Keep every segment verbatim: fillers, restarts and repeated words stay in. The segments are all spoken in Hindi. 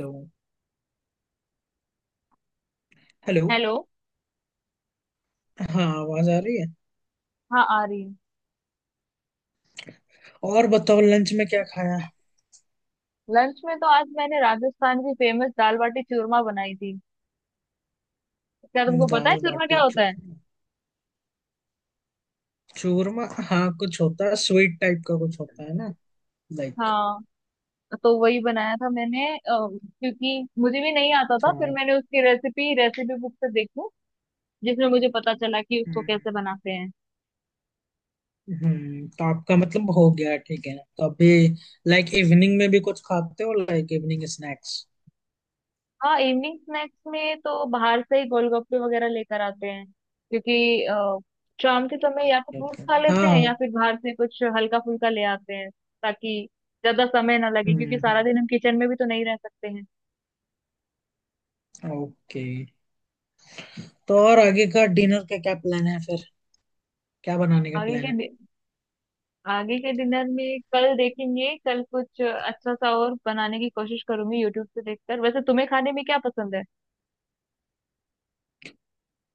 हेलो। हेलो। हेलो। हाँ, आवाज आ रही है। हाँ आ रही है। और बताओ, लंच में क्या खाया? लंच में तो आज मैंने राजस्थान की फेमस दाल बाटी चूरमा बनाई थी। क्या तुमको पता है दाल चूरमा बाटी क्या होता है? चूरमा। चूरमा, हाँ कुछ होता है, स्वीट टाइप का कुछ होता है ना, लाइक। हाँ, तो वही बनाया था मैंने, अ, क्योंकि मुझे भी नहीं आता अच्छा, था, फिर हम्म। मैंने उसकी रेसिपी रेसिपी बुक से देखी, जिसमें मुझे पता चला कि उसको कैसे बनाते हैं। हम्म हम्म, तो आपका मतलब हो गया, ठीक है। तो अभी लाइक इवनिंग में भी कुछ खाते हो, लाइक इवनिंग स्नैक्स? हाँ, इवनिंग स्नैक्स में तो बाहर से ही गोलगप्पे वगैरह लेकर आते हैं, क्योंकि अ, शाम के समय या तो ओके फ्रूट ओके। खा लेते हाँ हैं हाँ। या फिर बाहर से कुछ हल्का फुल्का ले आते हैं, ताकि ज्यादा समय ना लगे हम्म क्योंकि सारा हम्म दिन हम किचन में भी तो नहीं रह सकते हैं। ओके। तो और आगे का डिनर का क्या प्लान है फिर? क्या बनाने का आगे प्लान के है? डि- आगे के डिनर में कल देखेंगे, कल कुछ अच्छा सा और बनाने की कोशिश करूंगी यूट्यूब से देखकर। वैसे तुम्हें खाने में क्या पसंद है?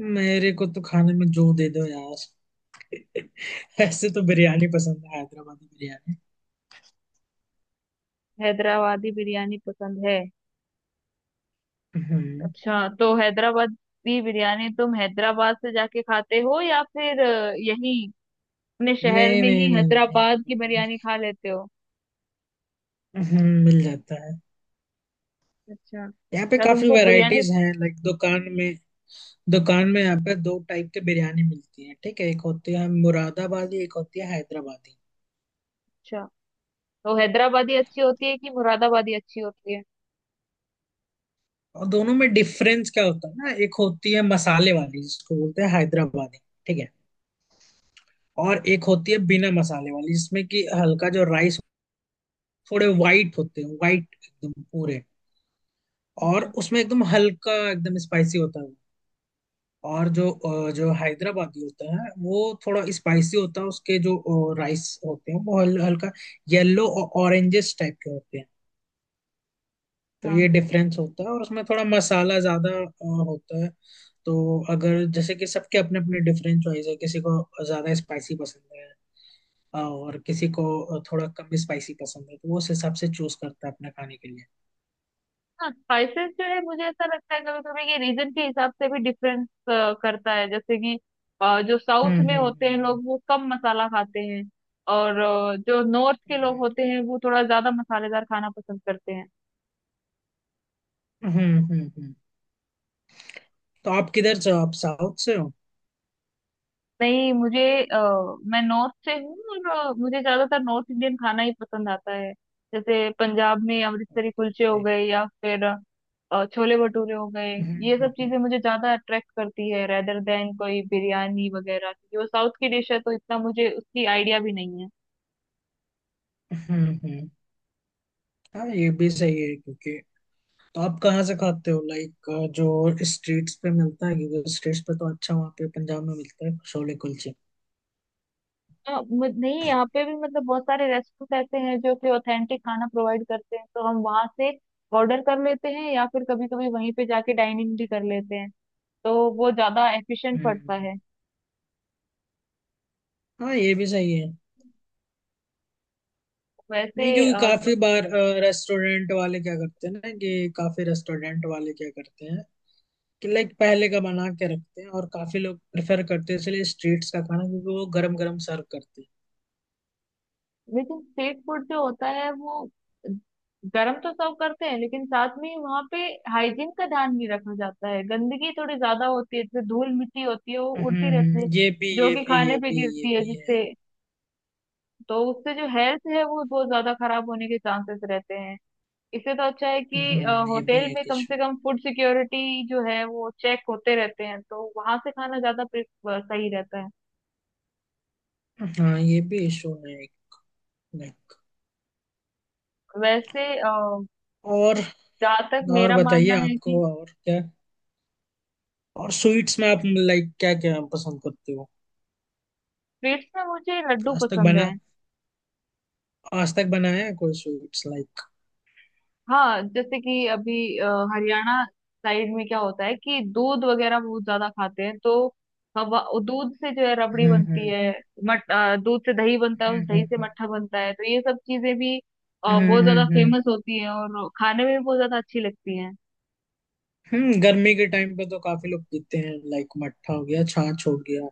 मेरे को तो खाने में जो दे दो यार। ऐसे तो बिरयानी पसंद है, हैदराबादी बिरयानी। हैदराबादी बिरयानी पसंद है? हम्म। अच्छा, तो हैदराबादी बिरयानी तुम हैदराबाद से जाके खाते हो या फिर अ, यही अपने शहर नहीं में नहीं ही नहीं, यहीं हैदराबाद पे की मिल, बिरयानी खा लेते हो? हम्म, मिल जाता है। अच्छा, यहाँ पे क्या काफी तुमको बिरयानी, वैरायटीज हैं लाइक दुकान में। दुकान में यहाँ पे दो टाइप के बिरयानी मिलती है, ठीक है। एक होती है मुरादाबादी, एक होती है हैदराबादी। अच्छा तो हैदराबादी अच्छी होती है कि मुरादाबादी अच्छी होती है? और दोनों में डिफरेंस क्या होता है ना, एक होती है मसाले वाली, जिसको बोलते हैं हैदराबादी, ठीक है। और एक होती है बिना मसाले वाली, जिसमें कि हल्का जो राइस, थोड़े वाइट होते हैं, वाइट एकदम पूरे। और अच्छा। उसमें एकदम हल्का, एकदम स्पाइसी होता है। और जो अ, जो हैदराबादी होता है वो थोड़ा स्पाइसी होता है। उसके जो राइस होते हैं वो हल, हल्का येलो और ऑरेंजेस टाइप के होते हैं। तो अच्छा। ये डिफरेंस होता है। और उसमें थोड़ा मसाला ज्यादा अ, होता है। तो अगर जैसे कि सबके अपने अपने डिफरेंट चॉइस है, किसी को ज्यादा स्पाइसी पसंद है, अ, और किसी को थोड़ा कम स्पाइसी पसंद है, तो वो उस हिसाब से चूज करता है अपने खाने के लिए। हाँ, स्पाइसेस जो है मुझे ऐसा लगता है कभी कभी ये रीजन के हिसाब से भी डिफरेंस करता है। जैसे कि अ, जो साउथ हम्म में होते हैं हम्म लोग वो कम मसाला खाते हैं, और अ, जो नॉर्थ के लोग हम्म होते हैं वो थोड़ा ज्यादा मसालेदार खाना पसंद करते हैं। हम्म हम्म हम्म, हम्म। तो आप किधर से हो? आप साउथ से हो? नहीं मुझे अ, मैं नॉर्थ से हूँ और अ, मुझे ज्यादातर नॉर्थ इंडियन खाना ही पसंद आता है। जैसे पंजाब में Okay. अमृतसरी कुलचे हो Okay। गए या फिर अ, छोले भटूरे हो गए। हम्म ये हम्म सब हम्म। चीजें मुझे ज्यादा अट्रैक्ट करती है रेदर देन कोई बिरयानी वगैरह, क्योंकि वो साउथ की डिश है तो इतना मुझे उसकी आइडिया भी नहीं है। हम्म हम्म हाँ, ये भी सही है क्योंकि, तो आप कहाँ से खाते हो लाइक? जो स्ट्रीट्स पे मिलता है, क्योंकि स्ट्रीट्स पे तो अच्छा वहाँ पे पंजाब में मिलता है छोले कुलचे। अ, मु- नहीं, यहाँ पे भी मतलब बहुत सारे रेस्टोरेंट ऐसे हैं जो कि ऑथेंटिक खाना प्रोवाइड करते हैं तो हम वहां से ऑर्डर कर लेते हैं, या फिर कभी कभी वहीं पे जाके डाइनिंग भी कर लेते हैं। तो वो ज्यादा एफिशिएंट पड़ता हम्म है। हाँ, ये भी सही है। वैसे नहीं, क्योंकि अ, तो काफी बार रेस्टोरेंट वाले क्या करते हैं ना, कि काफी रेस्टोरेंट वाले क्या करते हैं कि लाइक पहले का बना के रखते हैं, और काफी लोग प्रेफर करते हैं इसलिए स्ट्रीट्स का खाना, क्योंकि वो गरम गरम सर्व करते हैं। लेकिन स्ट्रीट फूड जो होता है वो गरम तो सर्व करते हैं, लेकिन साथ में वहाँ पे हाइजीन का ध्यान नहीं रखा जाता है, गंदगी थोड़ी ज्यादा होती है, जैसे धूल मिट्टी होती है वो हम्म उड़ती रहती है हम्म, ये भी जो ये कि भी खाने ये पे भी ये गिरती है, भी है। जिससे तो उससे जो हेल्थ है वो बहुत ज्यादा खराब होने के चांसेस रहते हैं। इससे तो अच्छा है कि हम्म, ये भी होटल में एक कम इशू। से कम फूड सिक्योरिटी जो है वो चेक होते रहते हैं, तो वहां से खाना ज्यादा प्रे- अ, सही रहता है। हाँ, ये भी इशू है, लाइक। वैसे और जहाँ तक और मेरा बताइए, मानना है कि आपको और क्या और स्वीट्स में आप लाइक क्या क्या पसंद करते हो? स्वीट्स में मुझे लड्डू आज तक पसंद है। बना आज तक बनाया है कोई स्वीट्स लाइक? हाँ, जैसे कि अभी अ, हरियाणा साइड में क्या होता है कि दूध वगैरह बहुत ज्यादा खाते हैं, तो हवा दूध से जो है रबड़ी हम्म बनती हम्म है। मट अ, दूध से दही बनता है, उस हम्म दही से हम्म मट्ठा बनता है, तो ये सब चीजें भी अ, हम्म बहुत हम्म ज्यादा हम्म, फेमस होती है और खाने में भी बहुत ज्यादा अच्छी लगती हैं। हम्म, गर्मी के टाइम पे तो काफी लोग पीते हैं, लाइक मट्ठा हो गया, छाछ हो गया,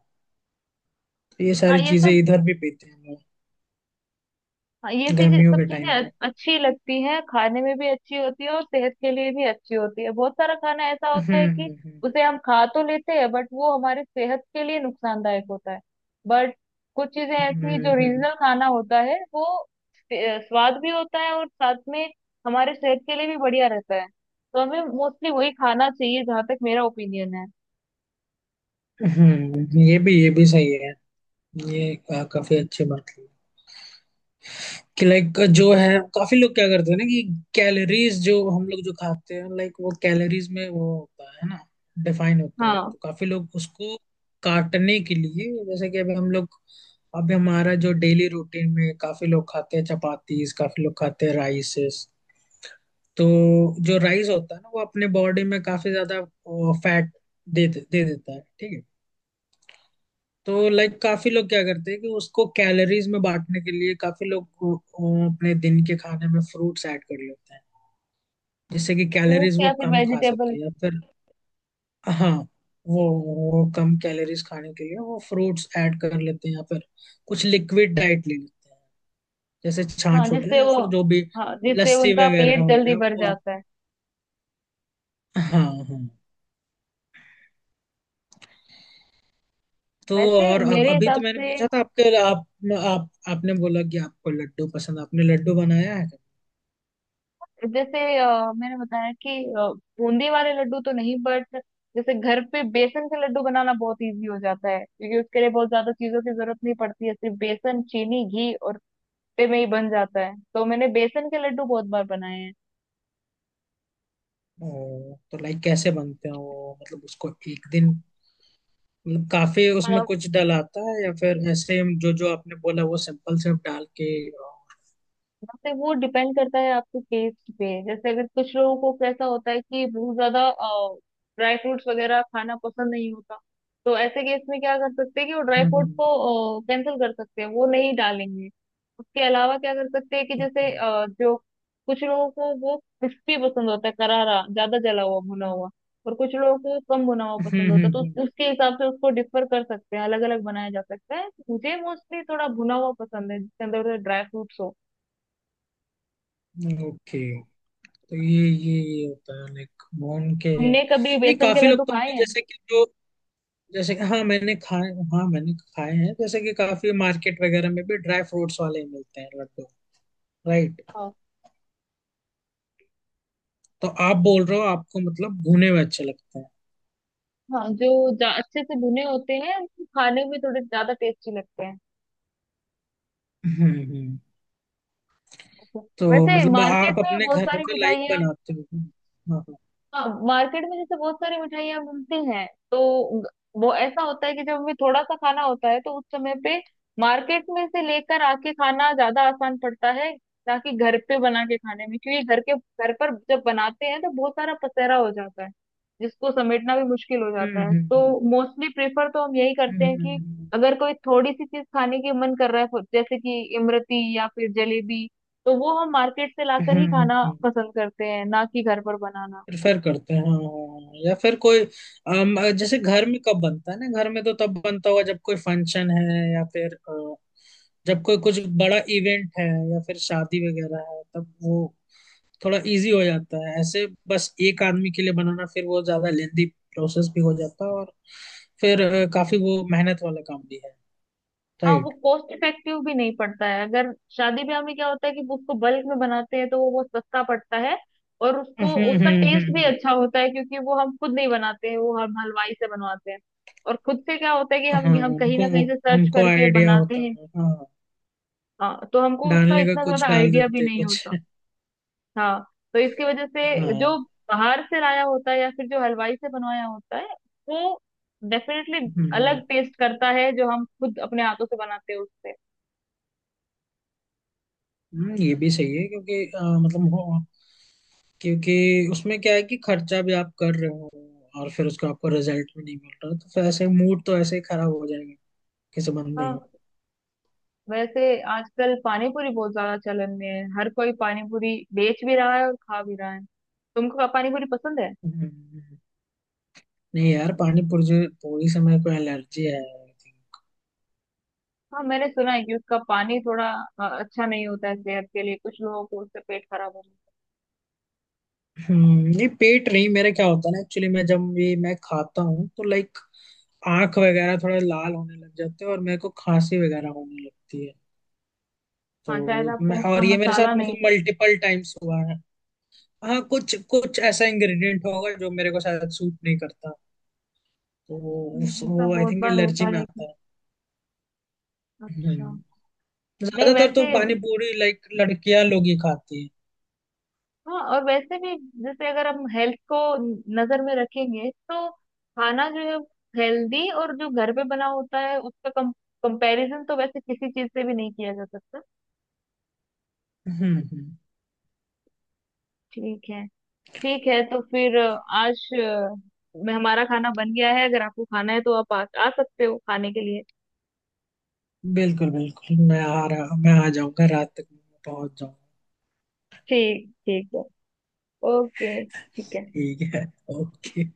तो ये हाँ सारी ये चीजें सब, इधर भी पीते हैं लोग, हाँ, ये चीजें गर्मियों सब के चीजें टाइम में। अ- अच्छी लगती हैं, खाने में भी अच्छी होती है और सेहत के लिए भी अच्छी होती है। बहुत सारा खाना ऐसा होता है हम्म कि हम्म उसे हम खा तो लेते हैं बट वो हमारे सेहत के लिए नुकसानदायक होता है। बट कुछ चीजें ऐसी जो हम्म हम्म रीजनल खाना होता है वो अ, स्वाद भी होता है और साथ में हमारे सेहत के लिए भी बढ़िया रहता है, तो हमें मोस्टली वही खाना चाहिए जहां तक मेरा ओपिनियन है। हम्म, हम्म, ये भी ये भी सही है। ये का- काफी अच्छी बात, कि लाइक जो है, काफी लोग क्या करते हैं ना, कि कैलोरीज जो हम लोग जो खाते हैं, लाइक वो कैलोरीज में वो होता है ना, डिफाइन होता है, हाँ। तो काफी लोग उसको काटने के लिए, जैसे कि अभी हम लोग, अभी हमारा जो डेली रूटीन में, काफी लोग खाते हैं चपातीस, काफी लोग खाते हैं राइसेस। तो जो राइस होता है ना, वो अपने बॉडी में काफी ज्यादा फैट दे दे देता है, ठीक है। तो लाइक काफी लोग क्या करते हैं कि उसको कैलोरीज में बांटने के लिए, काफी लोग को- को अपने दिन के खाने में फ्रूट्स ऐड कर लेते हैं, जिससे कि कैलोरीज फ्रूट्स वो या फिर कम खा वेजिटेबल। सके, या फिर हाँ वो वो कम कैलोरीज खाने के लिए वो फ्रूट्स ऐड कर लेते हैं, या फिर कुछ लिक्विड डाइट ले लेते हैं, जैसे हाँ छाछ हो गया जिससे या वो, फिर जो भी हाँ जिससे लस्सी उनका वगैरह पेट हो जल्दी गया, भर वो आप। जाता है। हाँ हाँ। तो वैसे और अब मेरे अभी तो हिसाब मैंने से, पूछा था आपके, आप आप आपने बोला कि आपको लड्डू पसंद, आपने लड्डू बनाया है? जैसे अ, मैंने बताया कि अ, बूंदी वाले लड्डू तो नहीं, बट जैसे घर पे बेसन के लड्डू बनाना बहुत इजी हो जाता है, क्योंकि उसके लिए बहुत ज्यादा चीजों की जरूरत नहीं पड़ती है, सिर्फ बेसन चीनी घी और पे में ही बन जाता है, तो मैंने बेसन के लड्डू बहुत बार बनाए हैं। ओ, तो लाइक कैसे बनते हैं वो? मतलब उसको एक दिन, मतलब काफी उसमें कुछ डलाता है या फिर ऐसे, हम जो जो आपने बोला, वो सिंपल सिर्फ डाल के? यहाँ पे वो डिपेंड करता है आपके टेस्ट पे, जैसे अगर कुछ लोगों को कैसा होता है कि बहुत ज्यादा ड्राई फ्रूट्स वगैरह खाना पसंद नहीं होता, तो ऐसे केस में क्या कर सकते हैं कि वो ड्राई फ्रूट को कैंसिल कर सकते हैं, वो नहीं डालेंगे। उसके अलावा क्या कर सकते हैं कि जैसे ओके। अ, जो कुछ लोगों को वो क्रिस्पी पसंद होता है, करारा, ज्यादा जला हुआ भुना हुआ, और कुछ लोगों को कम भुना हुआ पसंद होता है, तो हम्म। उस- उसके हिसाब से उसको डिफर कर सकते हैं, अलग अलग बनाया जा सकता है। मुझे मोस्टली थोड़ा भुना हुआ पसंद है जिसके अंदर ड्राई फ्रूट्स हो। ओके। तो ये ये ये होता है लाइक भून के, हमने कभी नहीं बेसन के काफी लोग लड्डू तो खाए अपने हैं। जैसे कि जो, जैसे कि- हाँ मैंने खाए हाँ मैंने खाए हैं, जैसे कि काफी मार्केट वगैरह में भी ड्राई फ्रूट्स वाले ही मिलते हैं लड्डू, राइट। हाँ। तो आप बोल रहे हो आपको मतलब भुने हुए अच्छे लगते हैं? हाँ, जो जा- अच्छे से भुने होते हैं वो खाने में थोड़े ज्यादा टेस्टी लगते हैं। हम्म हम्म। अच्छा। तो वैसे मतलब मार्केट आप में अपने बहुत घर सारी में लाइक मिठाइयाँ, बनाते हो? हाँ हाँ। हाँ मार्केट में जैसे बहुत सारी मिठाइयाँ मिलती हैं तो ग- वो ऐसा होता है कि जब हमें थोड़ा सा खाना होता है तो उस समय पे मार्केट में से लेकर आके खाना ज्यादा आसान पड़ता है, ना कि घर पे बना के खाने में, क्योंकि घर के घर पर जब बनाते हैं तो बहुत सारा पसेरा हो जाता है, जिसको समेटना भी मुश्किल हो जाता हम्म है। हम्म तो मोस्टली प्रेफर तो हम यही करते हैं कि अगर कोई थोड़ी सी चीज खाने की मन कर रहा है जैसे कि इमरती या फिर जलेबी, तो वो हम मार्केट से हम्म लाकर ही खाना हम्म पसंद करते हैं ना कि घर पर बनाना। प्रेफर करते हैं। हाँ हाँ, हाँ। या फिर कोई, अम, जैसे घर में कब बनता है ना, घर में तो तब बनता होगा जब कोई फंक्शन है, या फिर अ, जब कोई कुछ बड़ा इवेंट है, या फिर शादी वगैरह है, तब वो थोड़ा इजी हो जाता है। ऐसे बस एक आदमी के लिए बनाना, फिर वो ज्यादा लेंदी प्रोसेस भी हो जाता है, और फिर अ, काफी वो मेहनत वाला काम भी है, हाँ, वो राइट। कॉस्ट इफेक्टिव भी नहीं पड़ता है। अगर शादी ब्याह में क्या होता है कि उसको बल्क में बनाते हैं, तो वो बहुत सस्ता पड़ता है और हम्म उसको उसका हम्म टेस्ट भी हम्म अच्छा होता है, क्योंकि वो हम खुद नहीं बनाते हैं, वो हम हलवाई से बनवाते हैं। और खुद से क्या होता है कि हम हाँ, हम कहीं उनको ना कहीं से सर्च उनको करके आइडिया बनाते होता हैं। है, हाँ। हाँ, तो हमको उसका डालने का इतना कुछ ज्यादा डाल आइडिया भी देते नहीं कुछ। होता। हाँ, तो इसकी वजह हाँ। से हम्म जो बाहर से लाया होता है या फिर जो हलवाई से बनवाया होता है, वो डेफिनेटली हम्म अलग टेस्ट करता है जो हम खुद अपने हाथों से बनाते हैं उससे। हम्म, ये भी सही है, क्योंकि अ, मतलब हो क्योंकि उसमें क्या है कि खर्चा भी आप कर रहे हो, और फिर उसका आपको रिजल्ट भी नहीं मिल रहा, तो फिर ऐसे मूड तो ऐसे ही खराब हो जाएगा किसी बंदे हाँ। का। वैसे आजकल पानी पूरी बहुत ज्यादा चलन में है, हर कोई पानी पूरी बेच भी रहा है और खा भी रहा है। तुमको पानी पूरी पसंद है? हम्म, हम्म, हम्म। नहीं यार, पानी पूरी पूरी से मेरे को एलर्जी है। हाँ, मैंने सुना है कि उसका पानी थोड़ा अ, अच्छा नहीं होता है सेहत के लिए, कुछ लोगों को उससे पेट खराब हो जाता हम्म, नहीं पेट नहीं, मेरा क्या होता है ना, एक्चुअली मैं जब भी मैं खाता हूँ, तो लाइक आंख वगैरह थोड़ा लाल होने लग जाते हैं, और मेरे को खांसी वगैरह होने लगती है। है। हाँ शायद तो आपको मैं, उसका और ये मेरे साथ मसाला नहीं, मतलब मल्टीपल टाइम्स हुआ है। हाँ, कुछ कुछ ऐसा इंग्रेडिएंट होगा जो मेरे को शायद सूट नहीं करता, तो वो, उस- जैसा वो आई बहुत थिंक बार होता एलर्जी में है आता कि- है। हम्म। अच्छा। नहीं ज्यादातर तो वैसे, पानी पूरी लाइक लड़कियां लोग ही खाती है। हाँ और वैसे भी, जैसे अगर हम हेल्थ को नजर में रखेंगे तो खाना जो है हेल्दी और जो घर पे बना होता है उसका कम कंपैरिजन तो वैसे किसी चीज से भी नहीं किया जा सकता। हम्म हम्म। ठीक है। ठीक है तो फिर अ, आज अ, मैं, हमारा खाना बन गया है, अगर आपको खाना है तो आप आ, आ सकते हो खाने के लिए। बिल्कुल बिल्कुल, मैं आ रहा मैं आ जाऊंगा, रात तक मैं पहुंच जाऊंगा। ठीक, ठीक है। ओके, ठीक है। ठीक है। ओके।